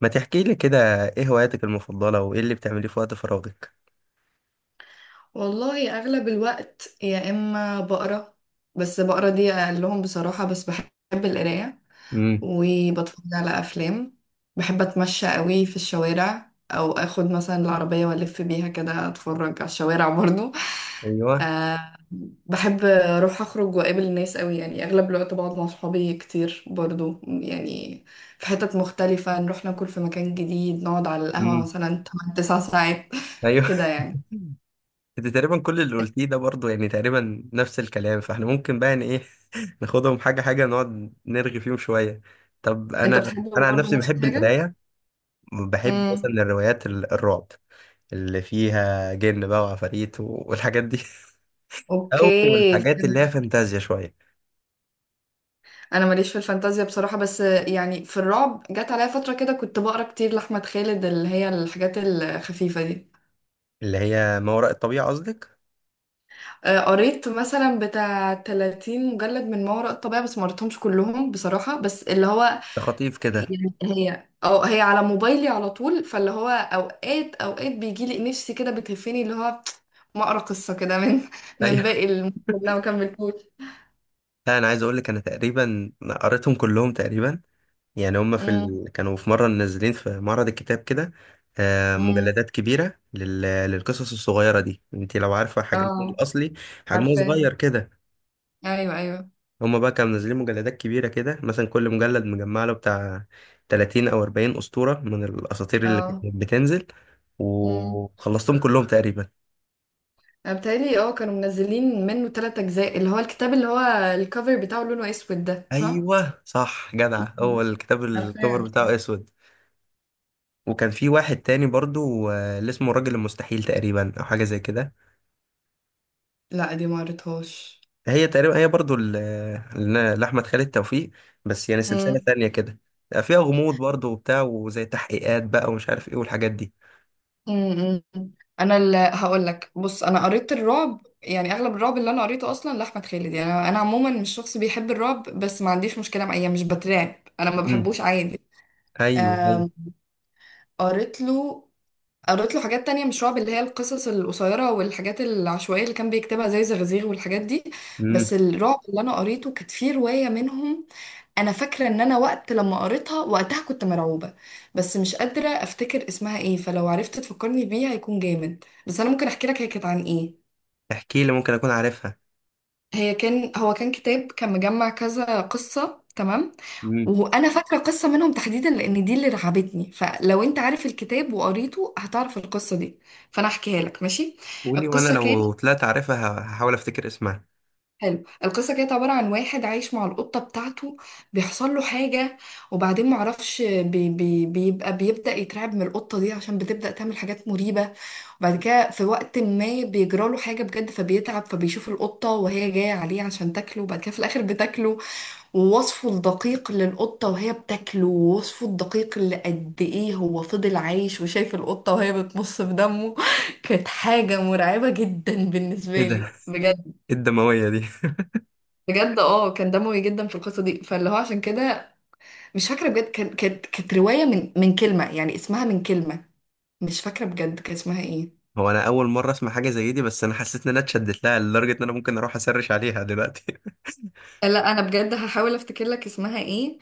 ما تحكي لي كده، ايه هواياتك المفضلة وايه اللي بتعمليه في وقت فراغك؟ والله اغلب الوقت يا اما بقرا. بس بقرا دي اقلهم بصراحه، بس بحب القرايه امم. وبتفرج على افلام. بحب اتمشى قوي في الشوارع او اخد مثلا العربيه والف بيها كده اتفرج على الشوارع برضو. ايوه. أه، بحب اروح اخرج واقابل الناس قوي، يعني اغلب الوقت بقعد مع صحابي كتير برضو، يعني في حتت مختلفه نروح ناكل في مكان جديد، نقعد على القهوه امم. مثلا 8 9 ساعات ايوه. كده يعني. انت تقريبا كل اللي قلتيه ده برضو، يعني تقريبا نفس الكلام، فاحنا ممكن بقى ان ايه ناخدهم حاجة حاجة، نقعد نرغي فيهم شوية. طب انت انا بتحب انا عن برضو نفسي نفس بحب الحاجه؟ القراية. بحب مثلا امم. الروايات الرعب اللي فيها جن بقى وعفاريت والحاجات دي. او اوكي الحاجات اللي هي فهمتك. فانتازيا شوية. انا ماليش في الفانتازيا بصراحه، بس يعني في الرعب جت عليا فتره كده كنت بقرا كتير لاحمد خالد، اللي هي الحاجات الخفيفه دي. اللي هي ما وراء الطبيعة قصدك؟ آه، قريت مثلا بتاع 30 مجلد من ما وراء الطبيعه، بس ما قريتهمش كلهم بصراحه، بس اللي هو ده خطيف كده. هي على موبايلي على طول، فاللي هو اوقات اوقات بيجي لي نفسي كده بتهفني اللي هو ما اقرا قصه كده من من أيوه. باقي المجلد اللي انا ما كملتوش. لا انا عايز اقول لك، انا تقريبا قريتهم كلهم تقريبا. يعني هم امم كانوا في مره منزلين في معرض الكتاب كده. آه، امم. مجلدات كبيره للقصص الصغيره دي، انت لو عارفه حجمهم اه، الاصلي، حجمه صغير عارفاها. كده. ايوه ايوه. هم بقى كانوا منزلين مجلدات كبيره كده، مثلا كل مجلد مجمع له بتاع 30 او 40 اسطوره من الاساطير اللي كانت اه. بتنزل. امم. وخلصتهم كلهم تقريبا. بتهيألي كانوا منزلين منه 3 أجزاء، اللي هو الكتاب اللي هو الكفر بتاعه لونه أسود ده صح؟ ايوه صح، جدع، هو مم. الكتاب الكفر عارفاه. بتاعه اسود. وكان في واحد تاني برضو آه، اللي اسمه الراجل المستحيل تقريبا، او حاجه زي كده. لا دي ما قريتهاش. هي تقريبا هي برضو لاحمد خالد توفيق. بس يعني سلسله امم تانية كده. فيها غموض برضو وبتاع، وزي تحقيقات بقى، ومش عارف ايه، والحاجات دي. امم. انا اللي هقول لك، بص انا قريت الرعب، يعني اغلب الرعب اللي انا قريته اصلا لاحمد خالد. يعني أنا عموما مش شخص بيحب الرعب، بس ما عنديش مشكله مع، يعني مش بترعب. انا ما امم. بحبوش عادي. ايوه، ايوه. آم، قريت له قريت له حاجات تانية مش رعب، اللي هي القصص القصيرة والحاجات العشوائية اللي كان بيكتبها زي زغزيغ والحاجات دي. امم. بس الرعب اللي أنا قريته كانت فيه رواية منهم، أنا فاكرة إن أنا وقت لما قريتها وقتها كنت مرعوبة، بس مش قادرة أفتكر اسمها إيه. فلو عرفت تفكرني بيها هيكون جامد، بس أنا ممكن أحكي لك هي كانت عن إيه. احكي لي، ممكن اكون عارفها. هي كان هو كان كتاب، كان مجمع كذا قصة تمام، امم. وانا فاكرة قصة منهم تحديدا لان دي اللي رعبتني. فلو انت عارف الكتاب وقريته هتعرف القصة دي، فانا احكيها لك ماشي. قولي وانا القصة لو كانت طلعت عارفها هحاول افتكر اسمها. حلو، القصة كانت عبارة عن واحد عايش مع القطة بتاعته، بيحصل له حاجة. وبعدين معرفش بي بي بيبقى بيبدأ يترعب من القطة دي عشان بتبدأ تعمل حاجات مريبة. وبعد كده في وقت ما بيجرى له حاجة بجد، فبيتعب، فبيشوف القطة وهي جاية عليه عشان تاكله، وبعد كده في الآخر بتاكله. ووصفه الدقيق للقطة وهي بتاكله، ووصفه الدقيق اللي قد ايه هو فضل عايش وشايف القطة وهي بتمص في دمه كانت حاجة مرعبة جدا ايه بالنسبة ده! لي بجد. مم. ايه الدمويه دي! بجد كان دموي جدا في القصة دي، فاللي هو عشان كده مش فاكرة بجد. كانت رواية من كلمة، يعني اسمها من كلمة، مش فاكرة بجد كان اسمها ايه. هو انا اول مره اسمع حاجه زي دي، بس انا حسيت ان انا اتشدت لها لدرجه ان انا ممكن اروح اسرش عليها دلوقتي. لا انا بجد هحاول افتكر لك اسمها ايه،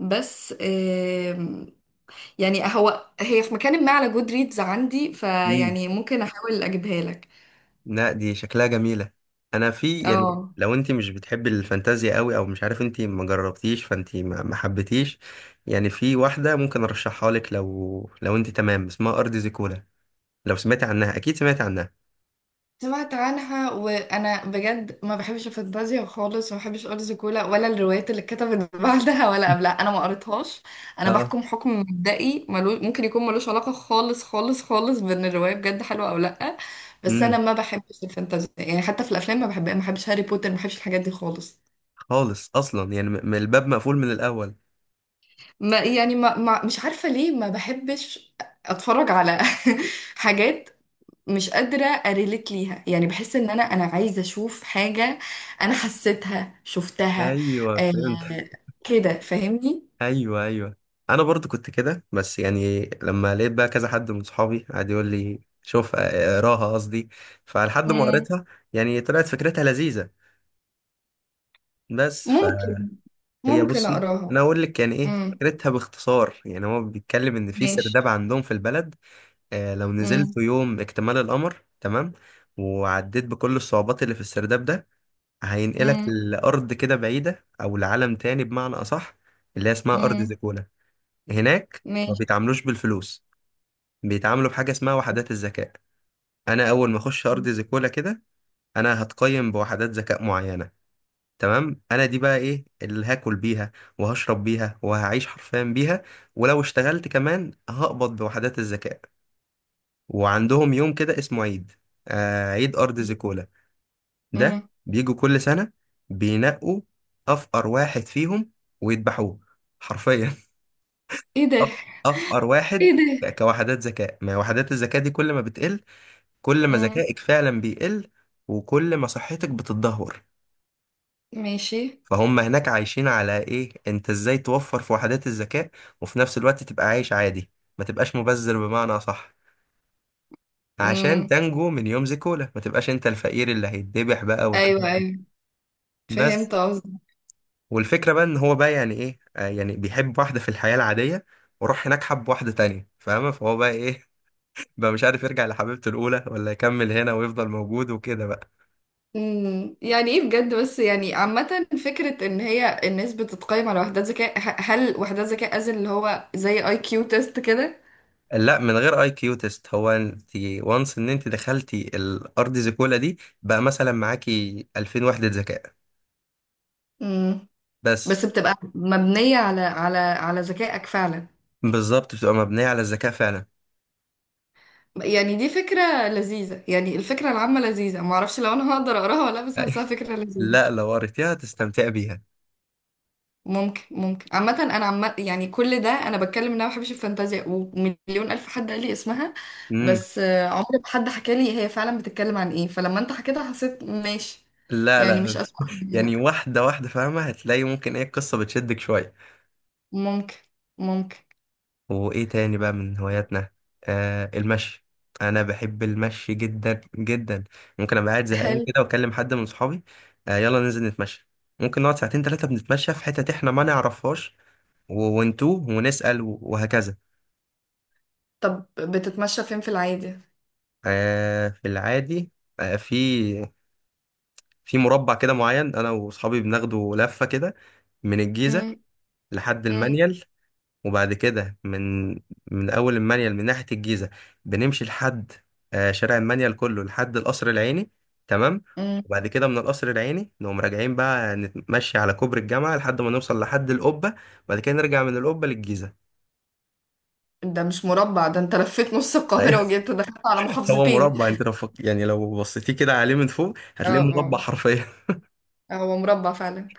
بس يعني هي في مكان ما على جود ريدز عندي، امم. فيعني ممكن احاول اجيبها لك. لا، دي شكلها جميلة. انا في، يعني اه، لو انت مش بتحبي الفانتازيا قوي، او مش عارف انت ما جربتيش فانت ما حبيتيش. يعني في واحدة ممكن ارشحها لك، لو انت تمام، اسمها ارض زيكولا. لو سمعتي عنها اكيد سمعتي عنها. سمعت عنها وانا بجد ما بحبش الفانتازيا خالص، وما بحبش ارض زيكولا ولا الروايات اللي اتكتبت بعدها ولا قبلها، انا ما قريتهاش. انا اه. بحكم حكم مبدئي ممكن يكون ملوش علاقه خالص خالص خالص بان الروايه بجد حلوه او لا. بس امم. انا ما بحبش الفانتازيا، يعني حتى في الافلام ما بحبش هاري بوتر، ما بحبش الحاجات دي خالص. خالص اصلا يعني الباب مقفول من الاول. ما يعني ما ما مش عارفة ليه ما بحبش. اتفرج على حاجات، مش قادرة اريليت ليها. يعني بحس ان انا عايزة اشوف حاجة انا حسيتها شفتها. ايوه آه، فهمت. كده فاهمني. ايوه، ايوه. انا برضو كنت كده، بس يعني لما لقيت بقى كذا حد من صحابي قعد يقول لي شوف آه، آه، اقراها قصدي. فلحد ما امم. قريتها، يعني طلعت فكرتها لذيذة بس، فهي... ممكن ممكن بصي انا اقراها. اقول لك يعني ايه امم. فكرتها باختصار، يعني هو بيتكلم ان في ماشي. سرداب عندهم في البلد. آه، لو نزلت امم يوم اكتمال القمر، تمام. وعديت بكل الصعوبات اللي في السرداب ده، هينقلك امم لارض كده بعيده، او لعالم تاني بمعنى اصح، اللي هي اسمها ارض امم. زيكولا. هناك ما ماشي. بيتعاملوش بالفلوس، بيتعاملوا بحاجه اسمها وحدات الذكاء. انا اول ما اخش ارض زيكولا كده، انا هتقيم بوحدات ذكاء معينه، تمام. انا دي بقى ايه اللي هاكل بيها وهشرب بيها وهعيش حرفيا بيها. ولو اشتغلت كمان هقبض بوحدات الذكاء. وعندهم يوم كده اسمه عيد، آه، عيد ارض زيكولا ده. امم. بيجوا كل سنة، بينقوا افقر واحد فيهم ويذبحوه حرفيا. ايه ده. أف- افقر ايه واحد. ده. كوحدات ذكاء، ما وحدات الذكاء دي كل ما بتقل، كل ما امم. ذكائك فعلا بيقل، وكل ما صحتك بتتدهور. ماشي. فهم هناك عايشين على ايه، انت ازاي توفر في وحدات الذكاء، وفي نفس الوقت تبقى عايش عادي، ما تبقاش مبذر بمعنى صح، عشان امم. تنجو من يوم زيكولا ما تبقاش انت الفقير اللي هيتذبح بقى، والحاجات ايوه دي. ايوه، بس، فهمت قصدي. والفكرة بقى ان هو بقى يعني ايه، آه يعني بيحب واحدة في الحياة العادية، وراح هناك حب واحدة تانية فاهمة، فهو بقى ايه. بقى مش عارف يرجع لحبيبته الأولى ولا يكمل هنا ويفضل موجود، وكده بقى. مم. يعني ايه بجد، بس يعني عامة فكرة ان هي الناس بتتقيم على وحدات ذكاء، هل وحدات ذكاء از اللي هو زي اي كيو تيست كده؟ لا، من غير اي كيو تيست هو انت، وانس ان انت دخلتي الارض زيكولا دي بقى، مثلا معاكي 2000 وحدة ذكاء مم. بس بس. بتبقى مبنية على ذكائك فعلا. بالظبط، بتبقى مبنية على الذكاء فعلا. يعني دي فكرة لذيذة، يعني الفكرة العامة لذيذة، معرفش لو انا هقدر اقراها ولا لا، بس حاساها فكرة لذيذة. لا، لو قريتيها تستمتعي بيها. ممكن عامة انا عم، يعني كل ده انا بتكلم ان انا ما بحبش الفانتازيا، ومليون الف حد قال لي اسمها. امم. بس عمري ما حد حكى لي هي فعلا بتتكلم عن ايه، فلما انت حكيتها حسيت ماشي، لا، يعني مش لا، اسوء حاجة لا. يعني واحدة واحدة فاهمة، هتلاقي ممكن ايه، القصة بتشدك شوية. ممكن ممكن وايه تاني بقى من هواياتنا؟ آه، المشي. انا بحب المشي جدا جدا. ممكن ابقى قاعد زهقان حلو. كده واكلم حد من صحابي، آه يلا ننزل نتمشى. ممكن نقعد ساعتين ثلاثة بنتمشى في حتة احنا ما نعرفهاش، ونتوه ونسأل، وهكذا. طب بتتمشى فين في العادي؟ آه في العادي. آه، في في مربع كده معين، انا واصحابي بناخده لفة كده، من الجيزة مم، لحد مم، المنيل. وبعد كده من أول المنيل من ناحية الجيزة، بنمشي لحد آه، شارع المنيل كله لحد القصر العيني، تمام. مم. وبعد كده من القصر العيني نقوم راجعين بقى نتمشي على كوبري الجامعة لحد ما نوصل لحد القبة، وبعد كده نرجع من القبة للجيزة. ده مش مربع، ده انت لفيت نص أيوة. القاهرة وجيت دخلت على هو محافظتين. مربع، انت لو يعني لو بصيتيه كده عليه من فوق اه هتلاقيه مربع اه، حرفيا. هو مربع فعلا.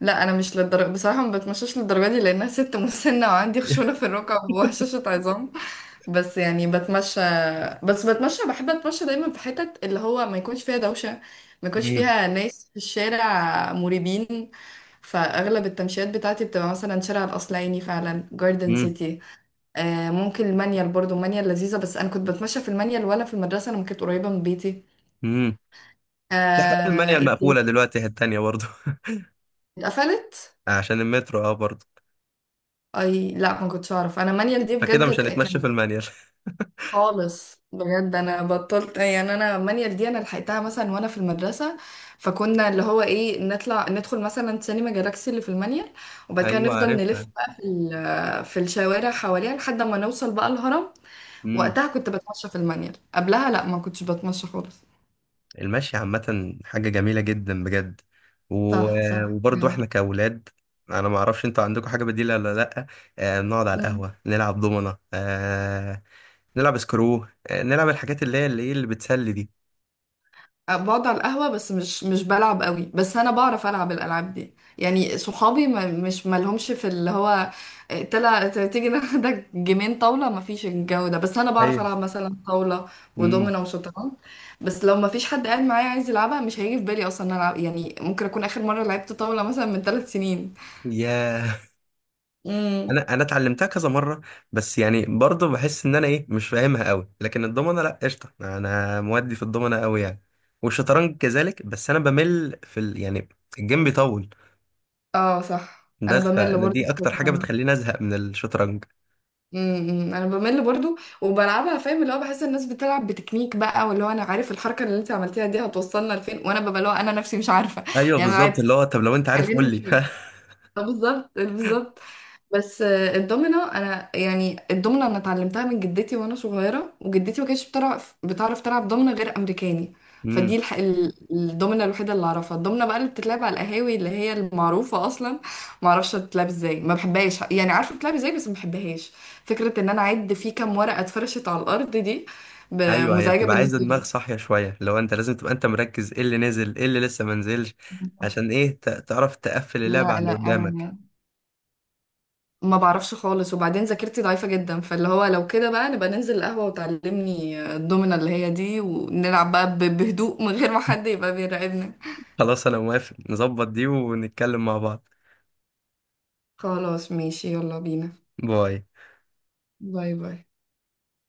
لا انا مش للدرجه بصراحه، ما بتمشاش للدرجه دي لانها ست مسنه وعندي خشونه في الركب وهشاشه عظام. بس يعني بتمشى. بس بتمشى بحب اتمشى دايما في حتت اللي هو ما يكونش فيها دوشه، ما يكونش امم. فيها ناس في الشارع مريبين. فاغلب التمشيات بتاعتي بتبقى مثلا شارع الاصلعيني فعلا، جاردن امم. سيتي. آه، ممكن المانيال برضو، المانيال لذيذه، بس انا كنت بتمشى في المانيال وانا في المدرسه لما كانت قريبه من بيتي. امم. حتى آه، المانيال إيه مقفولة تاني؟ دلوقتي، هي التانية برضه. اتقفلت؟ عشان المترو، اه برضه. اي، لا ما كنتش اعرف، انا مانيال دي فكده بجد مش ك- هنتمشى في كان المانيال. خالص بجد انا بطلت، يعني انا مانيال دي انا لحقتها مثلا وانا في المدرسه. فكنا اللي هو ايه نطلع ندخل مثلا سينما جالاكسي اللي في المانيال، وبعد كده ايوه نفضل نلف عارفها. بقى في الشوارع حواليها لحد ما نوصل بقى الهرم. مم. وقتها كنت بتمشى في المانيال، قبلها لا ما كنتش بتمشى خالص. المشي عامة حاجة جميلة جدا بجد. و... صح مم. صح. وبرضو احنا كأولاد، انا ما اعرفش انتوا عندكم حاجة بديلة ولا لأ. آه، نقعد على يعني القهوة نلعب دومنة، آه نلعب سكرو، آه نلعب الحاجات اللي هي إيه، اللي بتسلي دي. بقعد على القهوة، بس مش بلعب قوي. بس أنا بعرف ألعب الألعاب دي، يعني صحابي ما مش مالهمش في اللي هو، تيجي ناخدك جيمين طاولة، ما فيش الجو ده. بس أنا بعرف ايوه. ألعب مثلا طاولة امم. ودومينة وشطرنج، بس لو ما فيش حد قاعد معايا عايز يلعبها مش هيجي في بالي أصلا إن أنا ألعب. يعني ممكن أكون آخر مرة لعبت طاولة مثلا من 3 سنين. يا، امم. انا اتعلمتها كذا مرة. بس يعني برضو بحس ان انا ايه، مش فاهمها قوي. لكن الضمنة لأ، قشطة، انا مودي في الضمنة قوي يعني. والشطرنج كذلك. بس انا بمل في يعني الجيم بيطول. اه صح، أنا بس بمل فانا برضه دي في اكتر حاجه الشطرنج. بتخليني ازهق من الشطرنج. امم، انا بمل برضو وبلعبها، فاهم اللي هو، بحس الناس بتلعب بتكنيك بقى، واللي هو انا عارف الحركه اللي انت عملتيها دي هتوصلنا لفين، وانا ببقى اللي هو انا نفسي مش عارفه. ايوه يعني انا بالظبط، لعبت، اللي هو طب لو انت عارف خلينا قول لي. نشوف. طب بالظبط بالظبط. بس الدومينو انا، اتعلمتها من جدتي وانا صغيره، وجدتي ما كانتش بتعرف تلعب دومينو غير امريكاني. امم. فدي الح... ال- الدومينو الوحيده اللي اعرفها، الدومينو بقى اللي بتتلعب على القهاوي اللي هي المعروفه اصلا ما اعرفش بتتلعب ازاي، ما بحبهاش يعني، عارفه بتتلعب ازاي بس ما بحبهاش. فكره ان انا اعد في كام ورقه اتفرشت على الارض دي ب- ايوه. هي مزعجه بتبقى عايزه بالنسبه دماغ لي. صاحيه شويه، لو انت لازم تبقى انت مركز ايه اللي نزل، ايه اللي لسه ما نزلش. عشان ايه تعرف تقفل اللعبه على لا اللي لا قدامك. انا ما بعرفش خالص، وبعدين ذاكرتي ضعيفة جدا، فاللي هو لو كده بقى نبقى ننزل القهوة وتعلمني الدومنة اللي هي دي، ونلعب بقى بهدوء من غير ما حد يبقى بيراقبنا. خلاص انا موافق نظبط دي ونتكلم مع بعض. خلاص ماشي، يلا بينا. باي. باي باي.